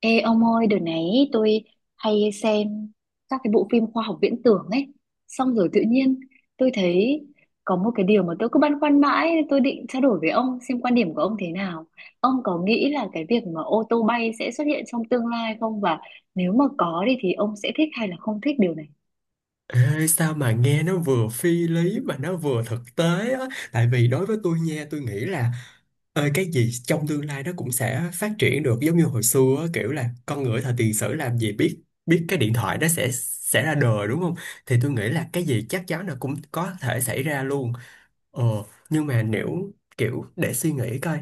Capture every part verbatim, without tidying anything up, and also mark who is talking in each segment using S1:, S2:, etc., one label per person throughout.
S1: Ê ông ơi, đợt này tôi hay xem các cái bộ phim khoa học viễn tưởng ấy. Xong rồi tự nhiên tôi thấy có một cái điều mà tôi cứ băn khoăn mãi, tôi định trao đổi với ông xem quan điểm của ông thế nào. Ông có nghĩ là cái việc mà ô tô bay sẽ xuất hiện trong tương lai không? Và nếu mà có đi thì ông sẽ thích hay là không thích điều này?
S2: Ê, sao mà nghe nó vừa phi lý mà nó vừa thực tế á, tại vì đối với tôi nha, tôi nghĩ là ơi cái gì trong tương lai nó cũng sẽ phát triển được, giống như hồi xưa á, kiểu là con người thời tiền sử làm gì biết biết cái điện thoại nó sẽ sẽ ra đời, đúng không? Thì tôi nghĩ là cái gì chắc chắn là cũng có thể xảy ra luôn. Ờ, nhưng mà nếu kiểu để suy nghĩ coi,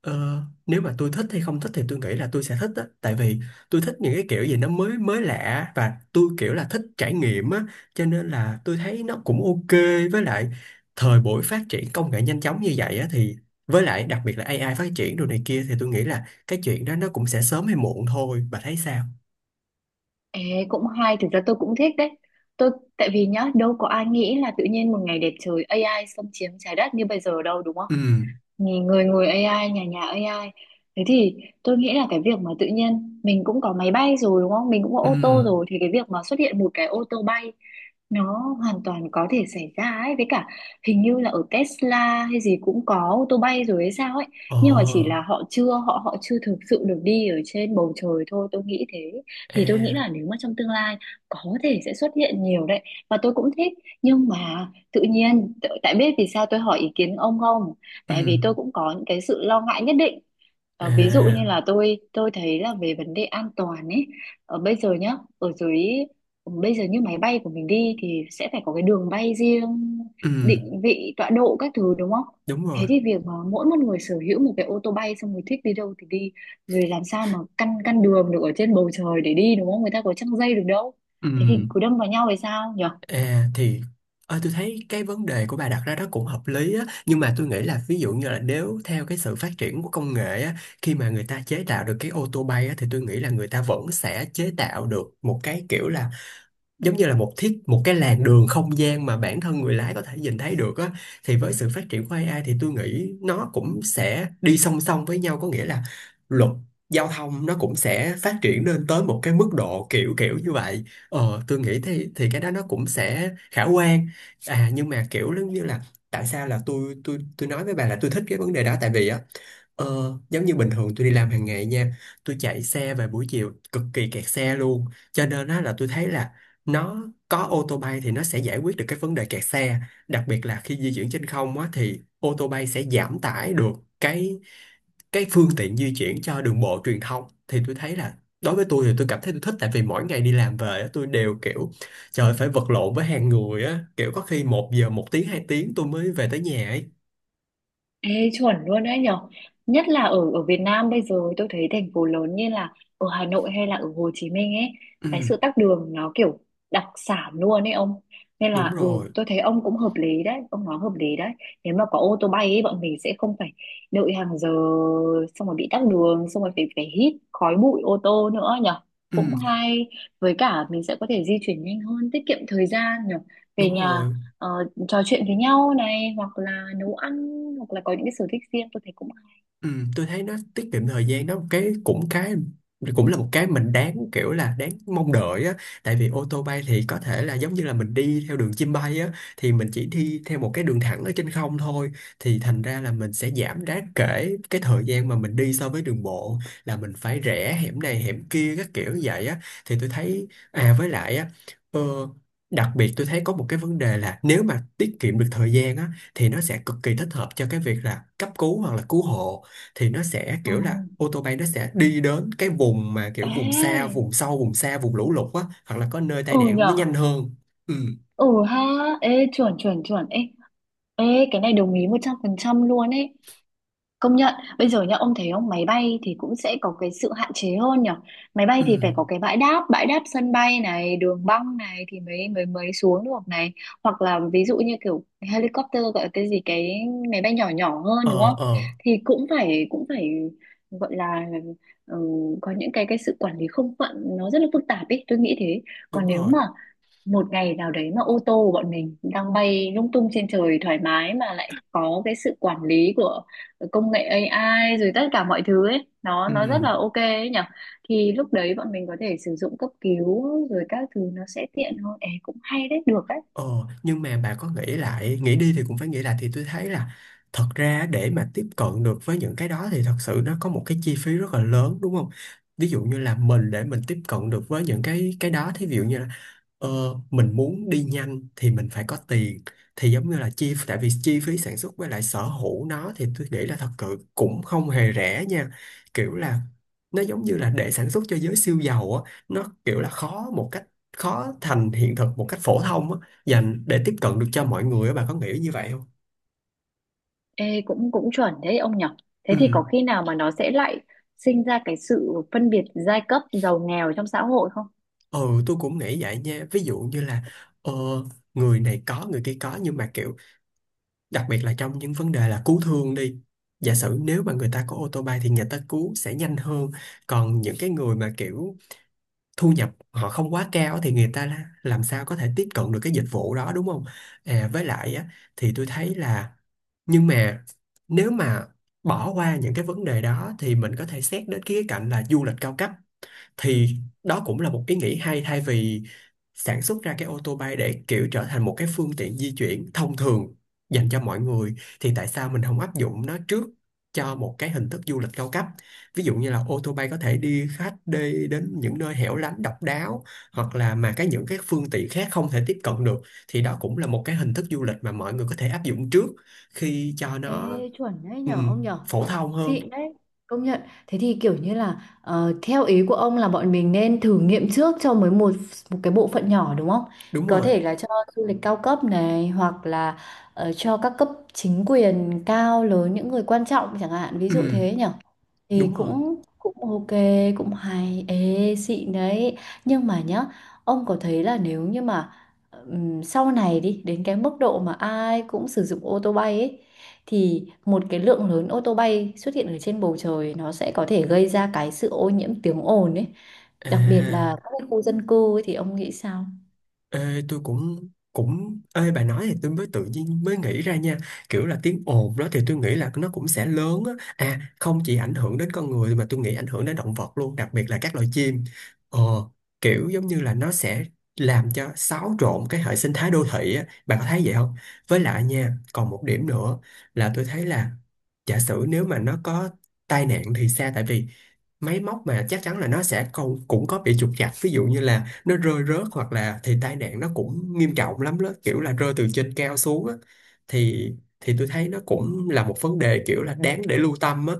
S2: ờ, nếu mà tôi thích hay không thích thì tôi nghĩ là tôi sẽ thích á, tại vì tôi thích những cái kiểu gì nó mới mới lạ, và tôi kiểu là thích trải nghiệm á, cho nên là tôi thấy nó cũng ok. Với lại thời buổi phát triển công nghệ nhanh chóng như vậy á, thì với lại đặc biệt là A I phát triển đồ này kia, thì tôi nghĩ là cái chuyện đó nó cũng sẽ sớm hay muộn thôi. Bà thấy sao?
S1: Ê, cũng hay, thực ra tôi cũng thích đấy. Tôi, Tại vì nhá, đâu có ai nghĩ là tự nhiên một ngày đẹp trời a i xâm chiếm trái đất như bây giờ đâu đúng không?
S2: Ừ.
S1: Nhì- người người a i, nhà nhà a i. Thế thì tôi nghĩ là cái việc mà tự nhiên mình cũng có máy bay rồi đúng không, mình cũng có
S2: Ừ.
S1: ô tô rồi, thì cái việc mà xuất hiện một cái ô tô bay nó hoàn toàn có thể xảy ra ấy. Với cả hình như là ở Tesla hay gì cũng có ô tô bay rồi hay sao ấy,
S2: Ờ.
S1: nhưng mà chỉ là họ chưa họ họ chưa thực sự được đi ở trên bầu trời thôi, tôi nghĩ thế. Thì tôi nghĩ
S2: E.
S1: là nếu mà trong tương lai có thể sẽ xuất hiện nhiều đấy, và tôi cũng thích. Nhưng mà tự nhiên t- tại biết vì sao tôi hỏi ý kiến ông không?
S2: Ừ.
S1: Tại vì tôi cũng có những cái sự lo ngại nhất định. Ờ, ví dụ như
S2: À.
S1: là tôi tôi thấy là về vấn đề an toàn ấy. Ở bây giờ nhá, ở dưới bây giờ như máy bay của mình đi thì sẽ phải có cái đường bay riêng,
S2: Ừ.
S1: định vị tọa độ các thứ đúng không?
S2: Đúng rồi.
S1: Thế thì việc mà mỗi một người sở hữu một cái ô tô bay, xong người thích đi đâu thì đi, rồi làm sao mà căn căn đường được ở trên bầu trời để đi đúng không, người ta có trăng dây được đâu.
S2: Ừ.
S1: Thế thì cứ đâm vào nhau thì sao nhỉ?
S2: À thì ờ, tôi thấy cái vấn đề của bà đặt ra đó cũng hợp lý á, nhưng mà tôi nghĩ là ví dụ như là nếu theo cái sự phát triển của công nghệ á, khi mà người ta chế tạo được cái ô tô bay á, thì tôi nghĩ là người ta vẫn sẽ chế tạo được một cái kiểu là giống như là một thiết một cái làn đường không gian mà bản thân người lái có thể nhìn thấy được á. Thì với sự phát triển của A I thì tôi nghĩ nó cũng sẽ đi song song với nhau, có nghĩa là luật giao thông nó cũng sẽ phát triển lên tới một cái mức độ kiểu kiểu như vậy. Ờ tôi nghĩ thì thì cái đó nó cũng sẽ khả quan. À nhưng mà kiểu giống như là tại sao là tôi tôi tôi nói với bà là tôi thích cái vấn đề đó, tại vì á, Ờ, giống như bình thường tôi đi làm hàng ngày nha, tôi chạy xe về buổi chiều cực kỳ kẹt xe luôn, cho nên á là tôi thấy là nó có ô tô bay thì nó sẽ giải quyết được cái vấn đề kẹt xe. Đặc biệt là khi di chuyển trên không á thì ô tô bay sẽ giảm tải được cái cái phương tiện di chuyển cho đường bộ truyền thông, thì tôi thấy là đối với tôi thì tôi cảm thấy tôi thích, tại vì mỗi ngày đi làm về á, tôi đều kiểu trời ơi, phải vật lộn với hàng người á, kiểu có khi một giờ một tiếng hai tiếng tôi mới về tới nhà ấy.
S1: Ê, chuẩn luôn đấy nhở, nhất là ở ở Việt Nam bây giờ tôi thấy thành phố lớn như là ở Hà Nội hay là ở Hồ Chí Minh ấy,
S2: Ừ.
S1: cái sự tắc đường nó kiểu đặc sản luôn ấy ông. Nên
S2: Đúng
S1: là ừ,
S2: rồi.
S1: tôi thấy ông cũng hợp lý đấy, ông nói hợp lý đấy. Nếu mà có ô tô bay ấy bọn mình sẽ không phải đợi hàng giờ, xong rồi bị tắc đường, xong rồi phải phải hít khói bụi ô tô nữa nhở. Cũng
S2: Ừ.
S1: hay, với cả mình sẽ có thể di chuyển nhanh hơn, tiết kiệm thời gian nhở. Về
S2: Đúng
S1: nhà,
S2: rồi.
S1: ờ, trò chuyện với nhau này, hoặc là nấu ăn, hoặc là có những cái sở thích riêng, tôi thấy cũng hay.
S2: Ừ, tôi thấy nó tiết kiệm thời gian đó, cái cũng cái cũng là một cái mình đáng kiểu là đáng mong đợi á. Tại vì ô tô bay thì có thể là giống như là mình đi theo đường chim bay á, thì mình chỉ đi theo một cái đường thẳng ở trên không thôi, thì thành ra là mình sẽ giảm đáng kể cái thời gian mà mình đi so với đường bộ, là mình phải rẽ hẻm này hẻm kia các kiểu như vậy á, thì tôi thấy. À với lại á, ờ, đặc biệt tôi thấy có một cái vấn đề là nếu mà tiết kiệm được thời gian á thì nó sẽ cực kỳ thích hợp cho cái việc là cấp cứu hoặc là cứu hộ. Thì nó sẽ
S1: Ờ.
S2: kiểu là ô tô bay nó sẽ đi đến cái vùng mà kiểu vùng xa
S1: Ê,
S2: vùng sâu vùng xa vùng lũ lụt á, hoặc là có nơi tai
S1: ừ
S2: nạn nó
S1: nhở.
S2: nhanh hơn. Ừ.
S1: Ừ ha. Ê, chuẩn chuẩn chuẩn. Ê, ê, cái này đồng ý một trăm phần trăm luôn ấy. Công nhận, bây giờ nhá, ông thấy không, máy bay thì cũng sẽ có cái sự hạn chế hơn nhở. Máy bay
S2: Ừ.
S1: thì phải có cái bãi đáp, bãi đáp sân bay này, đường băng này thì mới mới mới xuống được này. Hoặc là ví dụ như kiểu helicopter gọi là cái gì, cái máy bay nhỏ nhỏ hơn đúng
S2: ờ
S1: không?
S2: ờ
S1: Thì cũng phải cũng phải gọi là, ừ, có những cái cái sự quản lý không phận nó rất là phức tạp ấy, tôi nghĩ thế.
S2: Đúng
S1: Còn nếu
S2: rồi.
S1: mà một ngày nào đấy mà ô tô của bọn mình đang bay lung tung trên trời thoải mái mà lại có cái sự quản lý của công nghệ a i rồi tất cả mọi thứ ấy, nó nó rất là
S2: Ừ.
S1: ok ấy nhở, thì lúc đấy bọn mình có thể sử dụng cấp cứu rồi các thứ nó sẽ tiện hơn. Ê, cũng hay đấy, được đấy.
S2: ờ nhưng mà bà có nghĩ lại nghĩ đi thì cũng phải nghĩ lại, thì tôi thấy là thật ra để mà tiếp cận được với những cái đó thì thật sự nó có một cái chi phí rất là lớn, đúng không? Ví dụ như là mình để mình tiếp cận được với những cái cái đó, thí dụ như là Ờ, mình muốn đi nhanh thì mình phải có tiền. Thì giống như là chi tại vì chi phí sản xuất với lại sở hữu nó thì tôi nghĩ là thật sự cũng không hề rẻ nha, kiểu là nó giống như là để sản xuất cho giới siêu giàu á, nó kiểu là khó một cách khó thành hiện thực một cách phổ thông á, dành để tiếp cận được cho mọi người á. Bà có nghĩ như vậy không?
S1: Ê, cũng cũng chuẩn đấy ông nhở.
S2: Ừ.
S1: Thế thì có khi nào mà nó sẽ lại sinh ra cái sự phân biệt giai cấp giàu nghèo trong xã hội không?
S2: Ừ, tôi cũng nghĩ vậy nha, ví dụ như là ờ, người này có người kia có, nhưng mà kiểu đặc biệt là trong những vấn đề là cứu thương đi, giả sử nếu mà người ta có ô tô bay thì người ta cứu sẽ nhanh hơn. Còn những cái người mà kiểu thu nhập họ không quá cao thì người ta la- làm sao có thể tiếp cận được cái dịch vụ đó, đúng không? À với lại á, thì tôi thấy là, nhưng mà nếu mà bỏ qua những cái vấn đề đó thì mình có thể xét đến cái khía cạnh là du lịch cao cấp. Thì đó cũng là một ý nghĩ hay, thay vì sản xuất ra cái ô tô bay để kiểu trở thành một cái phương tiện di chuyển thông thường dành cho mọi người, thì tại sao mình không áp dụng nó trước cho một cái hình thức du lịch cao cấp. Ví dụ như là ô tô bay có thể đi khách đi đến những nơi hẻo lánh độc đáo, hoặc là mà cái những cái phương tiện khác không thể tiếp cận được, thì đó cũng là một cái hình thức du lịch mà mọi người có thể áp dụng trước khi cho
S1: Ê,
S2: nó
S1: chuẩn đấy nhở ông
S2: ừm,
S1: nhở.
S2: phổ thông hơn.
S1: Xịn đấy, công nhận. Thế thì kiểu như là, ờ, theo ý của ông là bọn mình nên thử nghiệm trước cho mới một một cái bộ phận nhỏ đúng không?
S2: Đúng
S1: Có
S2: rồi.
S1: thể là cho du lịch cao cấp này, hoặc là, ờ, cho các cấp chính quyền cao lớn, những người quan trọng chẳng hạn, ví dụ
S2: Ừm,
S1: thế nhở. Thì
S2: đúng rồi.
S1: cũng cũng ok, cũng hay. Ê, xịn đấy. Nhưng mà nhá, ông có thấy là nếu như mà, ừm, sau này đi đến cái mức độ mà ai cũng sử dụng ô tô bay ấy, thì một cái lượng lớn ô tô bay xuất hiện ở trên bầu trời nó sẽ có thể gây ra cái sự ô nhiễm tiếng ồn ấy, đặc biệt là
S2: À.
S1: các cái khu dân cư ấy, thì ông nghĩ sao?
S2: Ê, tôi cũng cũng ê bà nói thì tôi mới tự nhiên mới nghĩ ra nha, kiểu là tiếng ồn đó thì tôi nghĩ là nó cũng sẽ lớn á, à không chỉ ảnh hưởng đến con người mà tôi nghĩ ảnh hưởng đến động vật luôn, đặc biệt là các loài chim. ờ Kiểu giống như là nó sẽ làm cho xáo trộn cái hệ sinh thái đô thị á. Bà có thấy vậy không? Với lại nha, còn một điểm nữa là tôi thấy là giả sử nếu mà nó có tai nạn thì sao, tại vì máy móc mà chắc chắn là nó sẽ câu cũng có bị trục trặc, ví dụ như là nó rơi rớt hoặc là thì tai nạn nó cũng nghiêm trọng lắm đó, kiểu là rơi từ trên cao xuống á, thì thì tôi thấy nó cũng là một vấn đề kiểu là đáng để lưu tâm á.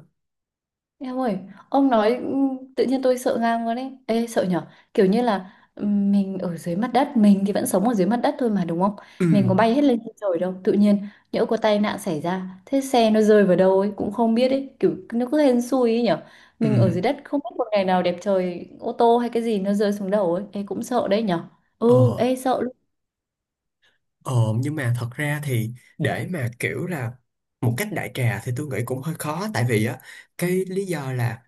S1: Em ơi, ông nói ừm, tự nhiên tôi sợ ngang luôn ấy. Ê, sợ nhở? Kiểu như là, ừm, mình ở dưới mặt đất, mình thì vẫn sống ở dưới mặt đất thôi mà đúng không?
S2: Ừ.
S1: Mình có bay hết lên trên trời đâu. Tự nhiên nhỡ có tai nạn xảy ra, thế xe nó rơi vào đâu ấy cũng không biết ấy, kiểu nó cứ hên xui ấy nhở.
S2: Ừ.
S1: Mình ở dưới đất không biết một ngày nào đẹp trời, ô tô hay cái gì nó rơi xuống đầu ấy, ê cũng sợ đấy nhở. Ừ,
S2: ờ
S1: ê sợ.
S2: ờ nhưng mà thật ra thì để mà kiểu là một cách đại trà thì tôi nghĩ cũng hơi khó, tại vì á cái lý do là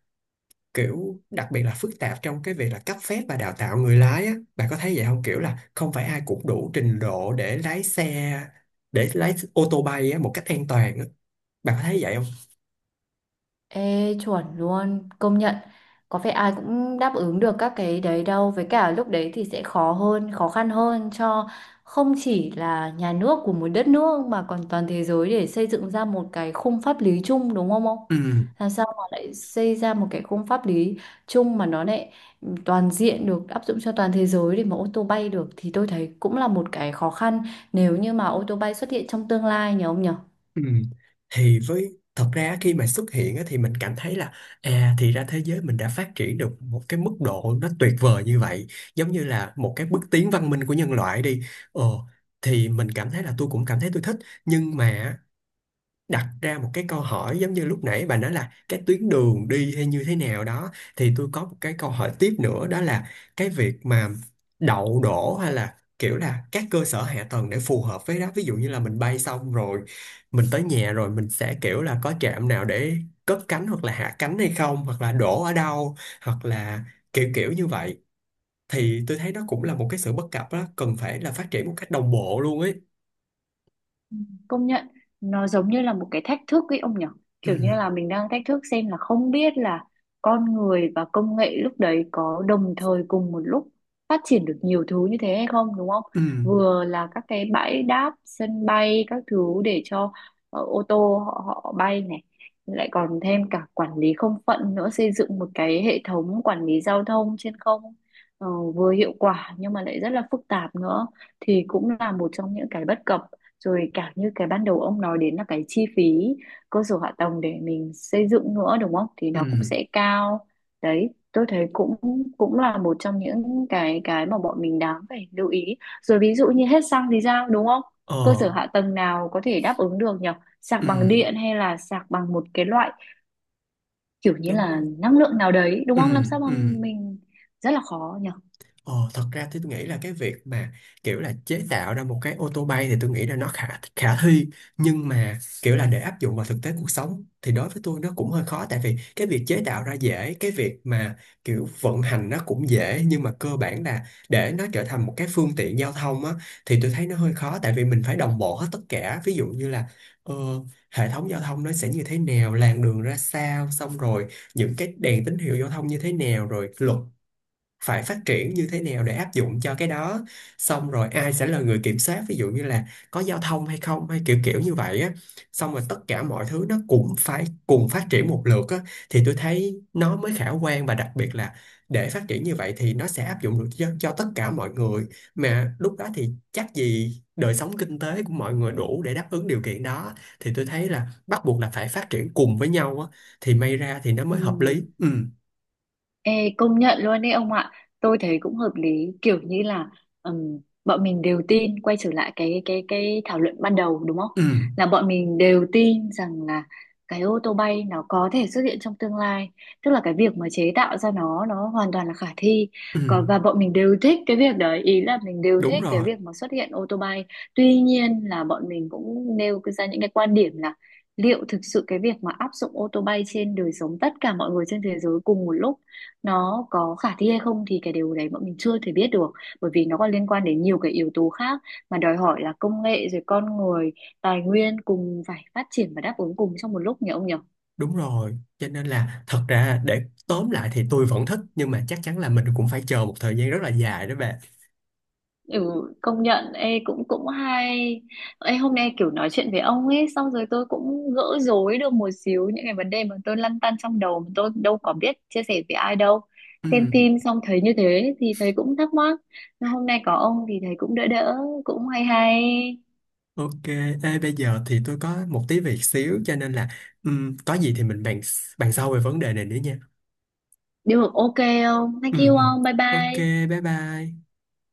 S2: kiểu đặc biệt là phức tạp trong cái việc là cấp phép và đào tạo người lái á. Bạn có thấy vậy không? Kiểu là không phải ai cũng đủ trình độ để lái xe, để lái ô tô bay á, một cách an toàn á. Bạn có thấy vậy không?
S1: Ê, chuẩn luôn, công nhận. Có phải ai cũng đáp ứng được các cái đấy đâu. Với cả lúc đấy thì sẽ khó hơn, khó khăn hơn cho không chỉ là nhà nước của một đất nước mà còn toàn thế giới để xây dựng ra một cái khung pháp lý chung đúng không ông?
S2: Ừ.
S1: Làm sao mà lại xây ra một cái khung pháp lý chung mà nó lại toàn diện được áp dụng cho toàn thế giới để mà ô tô bay được thì tôi thấy cũng là một cái khó khăn nếu như mà ô tô bay xuất hiện trong tương lai nhỉ ông nhỉ?
S2: Ừ. Thì với thật ra khi mà xuất hiện á, thì mình cảm thấy là à thì ra thế giới mình đã phát triển được một cái mức độ nó tuyệt vời như vậy, giống như là một cái bước tiến văn minh của nhân loại đi. ờ thì mình cảm thấy là tôi cũng cảm thấy tôi thích. Nhưng mà đặt ra một cái câu hỏi giống như lúc nãy bà nói là cái tuyến đường đi hay như thế nào đó, thì tôi có một cái câu hỏi tiếp nữa, đó là cái việc mà đậu đổ hay là kiểu là các cơ sở hạ tầng để phù hợp với đó. Ví dụ như là mình bay xong rồi mình tới nhà rồi mình sẽ kiểu là có trạm nào để cất cánh hoặc là hạ cánh hay không, hoặc là đổ ở đâu, hoặc là kiểu kiểu như vậy, thì tôi thấy đó cũng là một cái sự bất cập đó, cần phải là phát triển một cách đồng bộ luôn ấy.
S1: Ừ, công nhận, nó giống như là một cái thách thức ấy ông nhỉ,
S2: Ừ.
S1: kiểu như là mình đang thách thức xem là không biết là con người và công nghệ lúc đấy có đồng thời cùng một lúc phát triển được nhiều thứ như thế hay không đúng không?
S2: Ừ.
S1: Vừa là các cái bãi đáp sân bay các thứ để cho, ờ, ô tô họ họ bay này, lại còn thêm cả quản lý không phận nữa, xây dựng một cái hệ thống quản lý giao thông trên không, ờ, vừa hiệu quả nhưng mà lại rất là phức tạp nữa, thì cũng là một trong những cái bất cập. Rồi cả như cái ban đầu ông nói đến là cái chi phí cơ sở hạ tầng để mình xây dựng nữa đúng không, thì
S2: Ừ.
S1: nó cũng sẽ cao. Đấy, tôi thấy cũng cũng là một trong những cái cái mà bọn mình đáng phải lưu ý. Rồi ví dụ như hết xăng thì sao đúng không, cơ sở
S2: Ờ.
S1: hạ tầng nào có thể đáp ứng được nhỉ, sạc
S2: Ừ.
S1: bằng điện hay là sạc bằng một cái loại kiểu như
S2: Đúng
S1: là
S2: rồi.
S1: năng lượng nào đấy đúng
S2: Ừ,
S1: không, làm sao mà
S2: ừ.
S1: mình, rất là khó nhỉ.
S2: Ờ, thật ra thì tôi nghĩ là cái việc mà kiểu là chế tạo ra một cái ô tô bay thì tôi nghĩ là nó khả khả thi. Nhưng mà kiểu là để áp dụng vào thực tế cuộc sống thì đối với tôi nó cũng hơi khó, tại vì cái việc chế tạo ra dễ, cái việc mà kiểu vận hành nó cũng dễ, nhưng mà cơ bản là để nó trở thành một cái phương tiện giao thông á, thì tôi thấy nó hơi khó, tại vì mình phải đồng bộ hết tất cả. Ví dụ như là ờ, hệ thống giao thông nó sẽ như thế nào, làn đường ra sao, xong rồi những cái đèn tín hiệu giao thông như thế nào, rồi luật phải phát triển như thế nào để áp dụng cho cái đó, xong rồi ai sẽ là người kiểm soát, ví dụ như là có giao thông hay không, hay kiểu kiểu như vậy á, xong rồi tất cả mọi thứ nó cũng phải cùng phát triển một lượt á, thì tôi thấy nó mới khả quan. Và đặc biệt là để phát triển như vậy thì nó sẽ áp dụng được cho, cho tất cả mọi người, mà lúc đó thì chắc gì đời sống kinh tế của mọi người đủ để đáp ứng điều kiện đó. Thì tôi thấy là bắt buộc là phải phát triển cùng với nhau á, thì may ra thì nó mới
S1: Ừ.
S2: hợp lý. Ừ.
S1: Ê, công nhận luôn đấy ông ạ, tôi thấy cũng hợp lý kiểu như là, ừm, bọn mình đều tin quay trở lại cái cái cái thảo luận ban đầu đúng không,
S2: Ừ.
S1: là bọn mình đều tin rằng là cái ô tô bay nó có thể xuất hiện trong tương lai, tức là cái việc mà chế tạo ra nó nó hoàn toàn là khả thi.
S2: Ừ.
S1: Còn và bọn mình đều thích cái việc đấy, ý là mình đều
S2: Đúng
S1: thích cái
S2: rồi.
S1: việc mà xuất hiện ô tô bay. Tuy nhiên là bọn mình cũng nêu ra những cái quan điểm là liệu thực sự cái việc mà áp dụng ô tô bay trên đời sống tất cả mọi người trên thế giới cùng một lúc nó có khả thi hay không, thì cái điều đấy bọn mình chưa thể biết được, bởi vì nó còn liên quan đến nhiều cái yếu tố khác mà đòi hỏi là công nghệ rồi con người, tài nguyên cùng phải phát triển và đáp ứng cùng trong một lúc nhỉ ông nhỉ?
S2: Đúng rồi, cho nên là thật ra để tóm lại thì tôi vẫn thích, nhưng mà chắc chắn là mình cũng phải chờ một thời gian rất là dài đó bạn.
S1: Ừ, công nhận, ê cũng cũng hay. Ê, hôm nay kiểu nói chuyện với ông ấy xong rồi tôi cũng gỡ rối được một xíu những cái vấn đề mà tôi lăn tăn trong đầu mà tôi đâu có biết chia sẻ với ai đâu.
S2: Ừ,
S1: Xem phim xong thấy như thế thì thấy cũng thắc mắc, nhưng hôm nay có ông thì thấy cũng đỡ đỡ, cũng hay hay.
S2: ok. Ê, bây giờ thì tôi có một tí việc xíu cho nên là ừ, có gì thì mình bàn bàn sau về vấn đề này nữa nha.
S1: Được, ok không? Thank
S2: Ừ,
S1: you
S2: ừ.
S1: ông, bye
S2: Ok,
S1: bye.
S2: bye bye.